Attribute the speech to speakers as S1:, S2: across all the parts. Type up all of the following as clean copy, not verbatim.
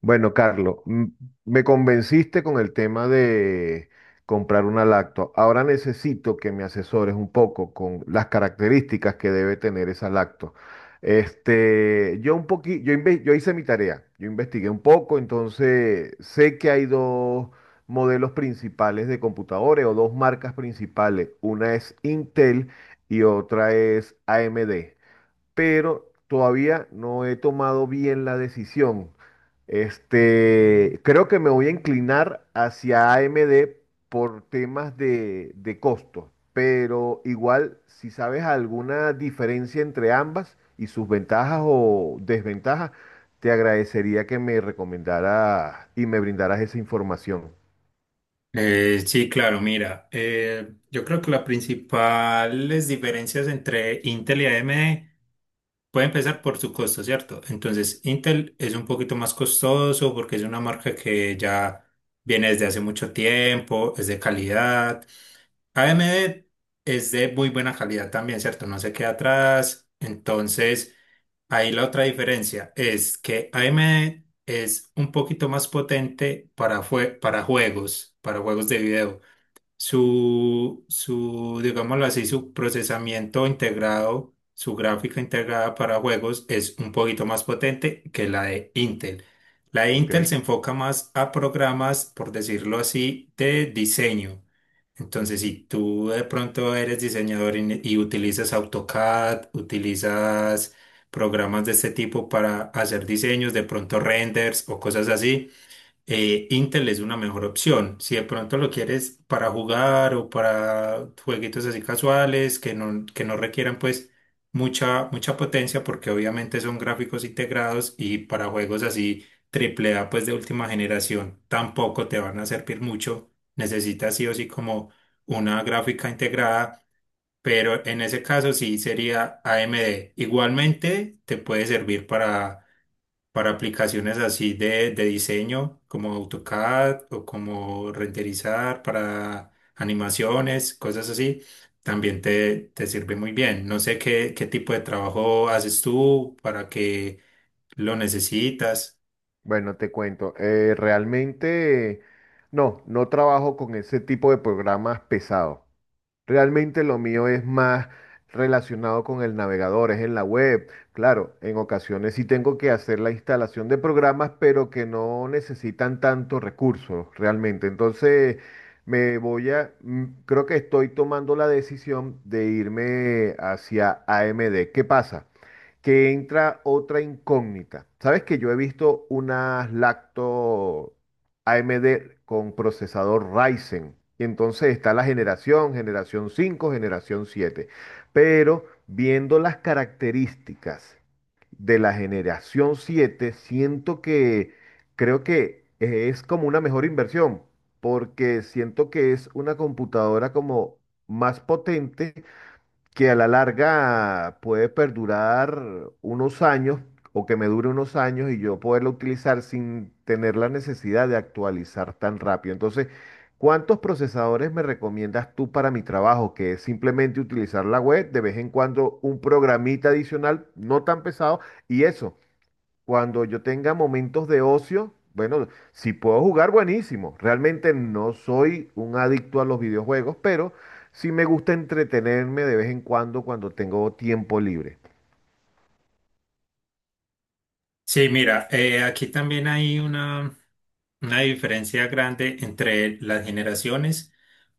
S1: Bueno, Carlos, me convenciste con el tema de comprar una lacto. Ahora necesito que me asesores un poco con las características que debe tener esa lacto. Este, yo un poqui- yo, inve- yo hice mi tarea, yo investigué un poco, entonces sé que hay dos modelos principales de computadores o dos marcas principales. Una es Intel y otra es AMD, pero todavía no he tomado bien la decisión. Creo que me voy a inclinar hacia AMD por temas de costo, pero igual si sabes alguna diferencia entre ambas y sus ventajas o desventajas, te agradecería que me recomendaras y me brindaras esa información.
S2: Sí, claro, mira, yo creo que las principales diferencias entre Intel y AMD puede empezar por su costo, ¿cierto? Entonces, Intel es un poquito más costoso porque es una marca que ya viene desde hace mucho tiempo, es de calidad. AMD es de muy buena calidad también, ¿cierto? No se queda atrás. Entonces, ahí la otra diferencia es que AMD es un poquito más potente para juegos de video, digámoslo así, su procesamiento integrado, su gráfica integrada para juegos es un poquito más potente que la de Intel. La de Intel se
S1: ¿Ok?
S2: enfoca más a programas, por decirlo así, de diseño. Entonces,
S1: Ujú.
S2: si tú de pronto eres diseñador y utilizas AutoCAD, utilizas programas de este tipo para hacer diseños, de pronto renders o cosas así, Intel es una mejor opción. Si de pronto lo quieres para jugar o para jueguitos así casuales que no requieran pues mucha, mucha potencia porque obviamente son gráficos integrados y para juegos así triple A pues de última generación tampoco te van a servir mucho. Necesitas sí o sí como una gráfica integrada, pero en ese caso sí sería AMD. Igualmente te puede servir para aplicaciones así de diseño, como AutoCAD o como renderizar para animaciones, cosas así, también te sirve muy bien. No sé qué tipo de trabajo haces tú, para qué lo necesitas.
S1: Bueno, te cuento. Realmente, no, no trabajo con ese tipo de programas pesados. Realmente lo mío es más relacionado con el navegador, es en la web. Claro, en ocasiones sí tengo que hacer la instalación de programas, pero que no necesitan tantos recursos realmente. Entonces, me voy a, mm, creo que estoy tomando la decisión de irme hacia AMD. ¿Qué pasa? Que entra otra incógnita. Sabes que yo he visto unas lacto AMD con procesador Ryzen. Y entonces está la generación 5 generación siete. Pero viendo las características de la generación 7 siento que creo que es como una mejor inversión, porque siento que es una computadora como más potente que a la larga puede perdurar unos años o que me dure unos años y yo poderla utilizar sin tener la necesidad de actualizar tan rápido. Entonces, ¿cuántos procesadores me recomiendas tú para mi trabajo? Que es simplemente utilizar la web, de vez en cuando un programita adicional, no tan pesado, y eso. Cuando yo tenga momentos de ocio, bueno, si puedo jugar, buenísimo. Realmente no soy un adicto a los videojuegos, pero sí me gusta entretenerme de vez en cuando cuando tengo tiempo libre.
S2: Sí, mira, aquí también hay una diferencia grande entre las generaciones.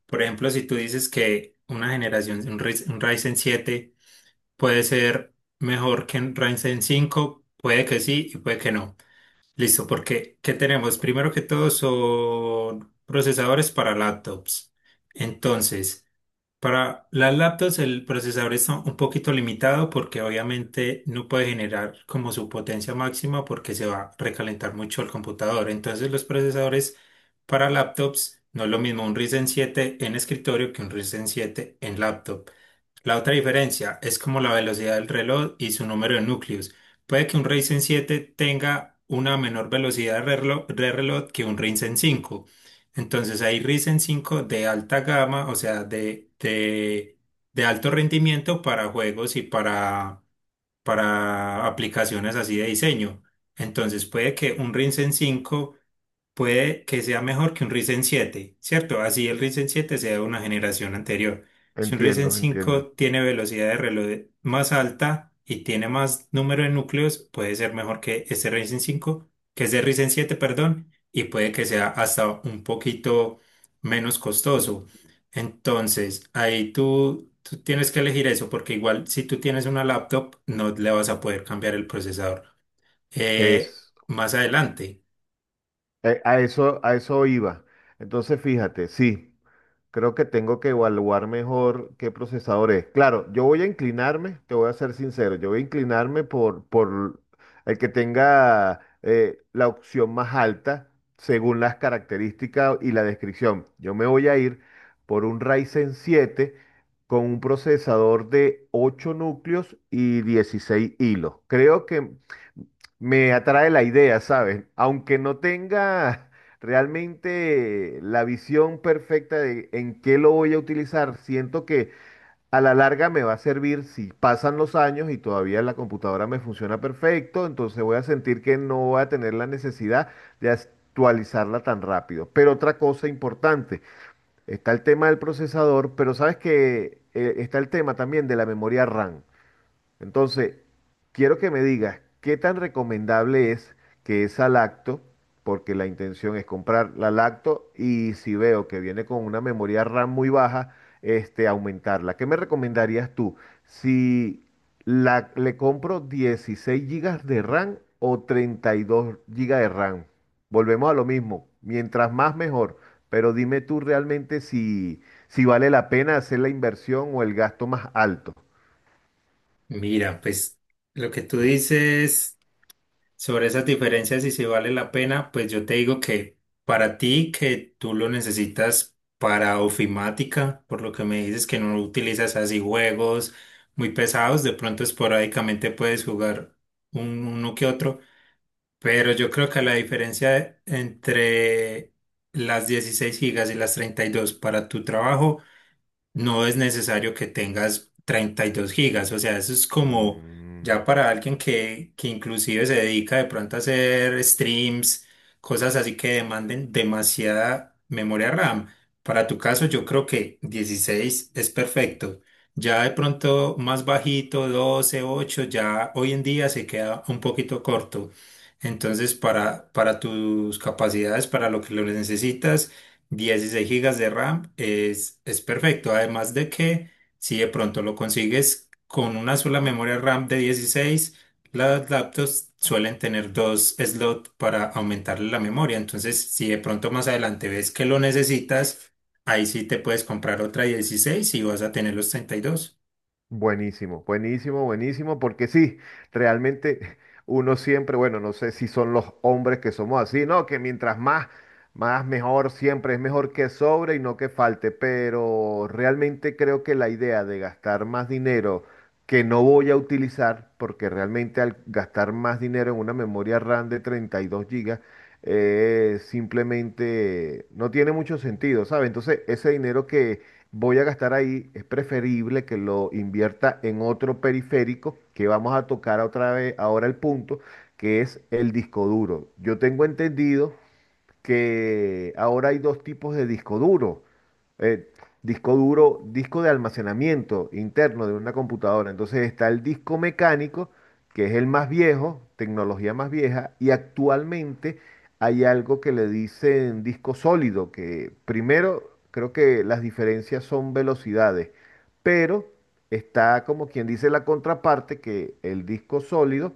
S2: Por ejemplo, si tú dices que una generación, un Ryzen 7 puede ser mejor que en Ryzen 5, puede que sí y puede que no. Listo, porque ¿qué tenemos? Primero que todo son procesadores para laptops. Entonces, para las laptops el procesador está un poquito limitado porque obviamente no puede generar como su potencia máxima porque se va a recalentar mucho el computador. Entonces, los procesadores para laptops no es lo mismo un Ryzen 7 en escritorio que un Ryzen 7 en laptop. La otra diferencia es como la velocidad del reloj y su número de núcleos. Puede que un Ryzen 7 tenga una menor velocidad de reloj que un Ryzen 5. Entonces hay Ryzen 5 de alta gama, o sea, de alto rendimiento para juegos y para aplicaciones así de diseño. Entonces puede que un Ryzen 5 puede que sea mejor que un Ryzen 7, ¿cierto? Así el Ryzen 7 sea de una generación anterior. Si un Ryzen
S1: Entiendo, entiendo.
S2: 5 tiene velocidad de reloj más alta y tiene más número de núcleos, puede ser mejor que este Ryzen 5, que es de Ryzen 7, perdón, y puede que sea hasta un poquito menos costoso. Entonces, ahí tú tienes que elegir eso, porque igual si tú tienes una laptop, no le vas a poder cambiar el procesador. Eh,
S1: Es,
S2: más adelante.
S1: a eso iba. Entonces, fíjate, sí. Creo que tengo que evaluar mejor qué procesador es. Claro, yo voy a inclinarme, te voy a ser sincero, yo voy a inclinarme por el que tenga la opción más alta según las características y la descripción. Yo me voy a ir por un Ryzen 7 con un procesador de 8 núcleos y 16 hilos. Creo que me atrae la idea, ¿sabes? Aunque no tenga realmente la visión perfecta de en qué lo voy a utilizar, siento que a la larga me va a servir si pasan los años y todavía la computadora me funciona perfecto, entonces voy a sentir que no voy a tener la necesidad de actualizarla tan rápido. Pero otra cosa importante, está el tema del procesador, pero sabes que está el tema también de la memoria RAM. Entonces, quiero que me digas qué tan recomendable es que esa lacto, porque la intención es comprar la lacto y si veo que viene con una memoria RAM muy baja, aumentarla. ¿Qué me recomendarías tú? Si le compro 16 gigas de RAM o 32 gigas de RAM. Volvemos a lo mismo, mientras más mejor, pero dime tú realmente si vale la pena hacer la inversión o el gasto más alto.
S2: Mira, pues lo que tú dices sobre esas diferencias y si vale la pena, pues yo te digo que para ti que tú lo necesitas para ofimática, por lo que me dices que no utilizas así juegos muy pesados, de pronto esporádicamente puedes jugar uno que otro, pero yo creo que la diferencia entre las 16 gigas y las 32 para tu trabajo no es necesario que tengas 32 gigas, o sea, eso es como
S1: Mm.
S2: ya para alguien que inclusive se dedica de pronto a hacer streams, cosas así que demanden demasiada memoria RAM. Para tu caso, yo creo que 16 es perfecto. Ya de pronto más bajito, 12 8 ya hoy en día se queda un poquito corto. Entonces, para tus capacidades, para lo que lo necesitas, 16 gigas de RAM es perfecto. Además de que si de pronto lo consigues con una sola memoria RAM de 16, las laptops suelen tener dos slots para aumentarle la memoria. Entonces, si de pronto más adelante ves que lo necesitas, ahí sí te puedes comprar otra 16 y vas a tener los 32.
S1: Buenísimo, buenísimo, buenísimo, porque sí, realmente uno siempre, bueno, no sé si son los hombres que somos así, no, que mientras más, más mejor siempre, es mejor que sobre y no que falte, pero realmente creo que la idea de gastar más dinero que no voy a utilizar, porque realmente al gastar más dinero en una memoria RAM de 32 gigas, simplemente no tiene mucho sentido, ¿sabes? Entonces, ese dinero que voy a gastar ahí, es preferible que lo invierta en otro periférico que vamos a tocar otra vez ahora el punto, que es el disco duro. Yo tengo entendido que ahora hay dos tipos de disco duro. Eh, disco duro, disco de almacenamiento interno de una computadora. Entonces está el disco mecánico, que es el más viejo, tecnología más vieja, y actualmente hay algo que le dicen disco sólido, que primero creo que las diferencias son velocidades, pero está como quien dice la contraparte, que el disco sólido,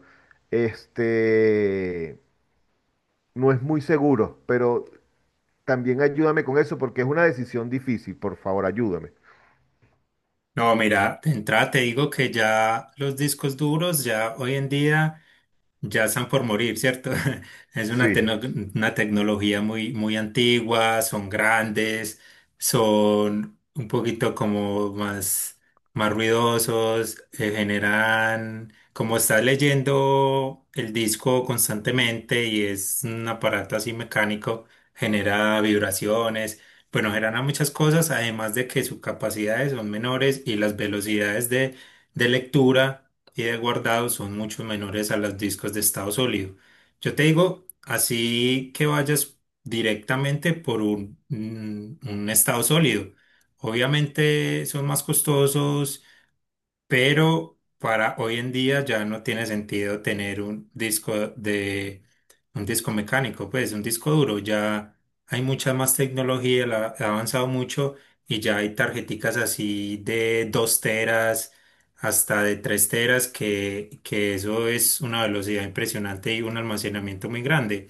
S1: este no es muy seguro, pero también ayúdame con eso porque es una decisión difícil, por favor, ayúdame.
S2: No, mira, de entrada te digo que ya los discos duros, ya hoy en día... Ya están por morir, ¿cierto? Es
S1: Sí.
S2: una tecnología muy, muy antigua, son grandes, son un poquito como más ruidosos, generan, como estás leyendo el disco constantemente y es un aparato así mecánico, genera vibraciones, bueno, genera muchas cosas, además de que sus capacidades son menores y las velocidades de lectura y de guardado son mucho menores a los discos de estado sólido. Yo te digo, así que vayas directamente por un estado sólido. Obviamente son más costosos, pero para hoy en día ya no tiene sentido tener un disco de un disco mecánico, pues un disco duro, ya hay mucha más tecnología, ha avanzado mucho y ya hay tarjeticas así de 2 teras hasta de 3 teras que eso es una velocidad impresionante y un almacenamiento muy grande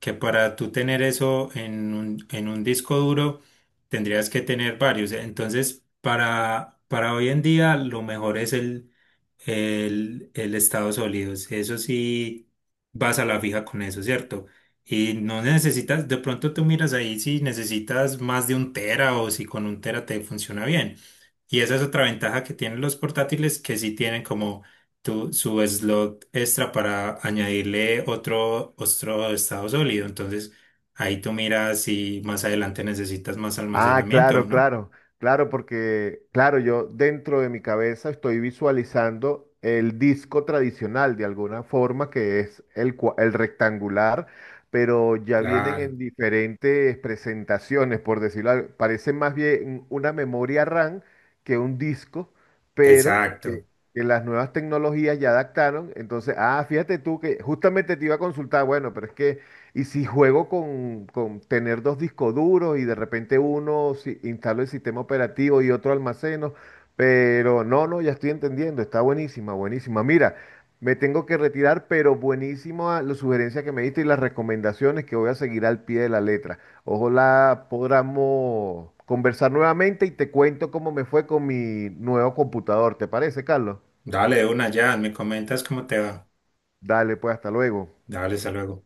S2: que para tú tener eso en en un disco duro, tendrías que tener varios. Entonces, para hoy en día, lo mejor es el Estados Unidos. Eso sí, vas a la fija con eso, ¿cierto? Y no necesitas, de pronto tú miras ahí si necesitas más de 1 tera o si con 1 tera te funciona bien. Y esa es otra ventaja que tienen los portátiles, que sí tienen como su slot extra para añadirle otro estado sólido. Entonces, ahí tú miras si más adelante necesitas más
S1: Ah,
S2: almacenamiento,
S1: claro,
S2: ¿no?
S1: claro, claro, porque, claro, yo dentro de mi cabeza estoy visualizando el disco tradicional de alguna forma, que es el rectangular, pero ya vienen
S2: Claro,
S1: en diferentes presentaciones, por decirlo, parece más bien una memoria RAM que un disco, pero que,
S2: exacto.
S1: que las nuevas tecnologías ya adaptaron. Entonces, ah, fíjate tú que justamente te iba a consultar, bueno, pero es que... Y si juego con tener dos discos duros y de repente uno instalo el sistema operativo y otro almaceno, pero no, no, ya estoy entendiendo, está buenísima, buenísima. Mira, me tengo que retirar, pero buenísima las sugerencias que me diste y las recomendaciones que voy a seguir al pie de la letra. Ojalá podamos conversar nuevamente y te cuento cómo me fue con mi nuevo computador, ¿te parece, Carlos?
S2: Dale de una ya, me comentas cómo te va.
S1: Dale, pues hasta luego.
S2: Dale, hasta luego.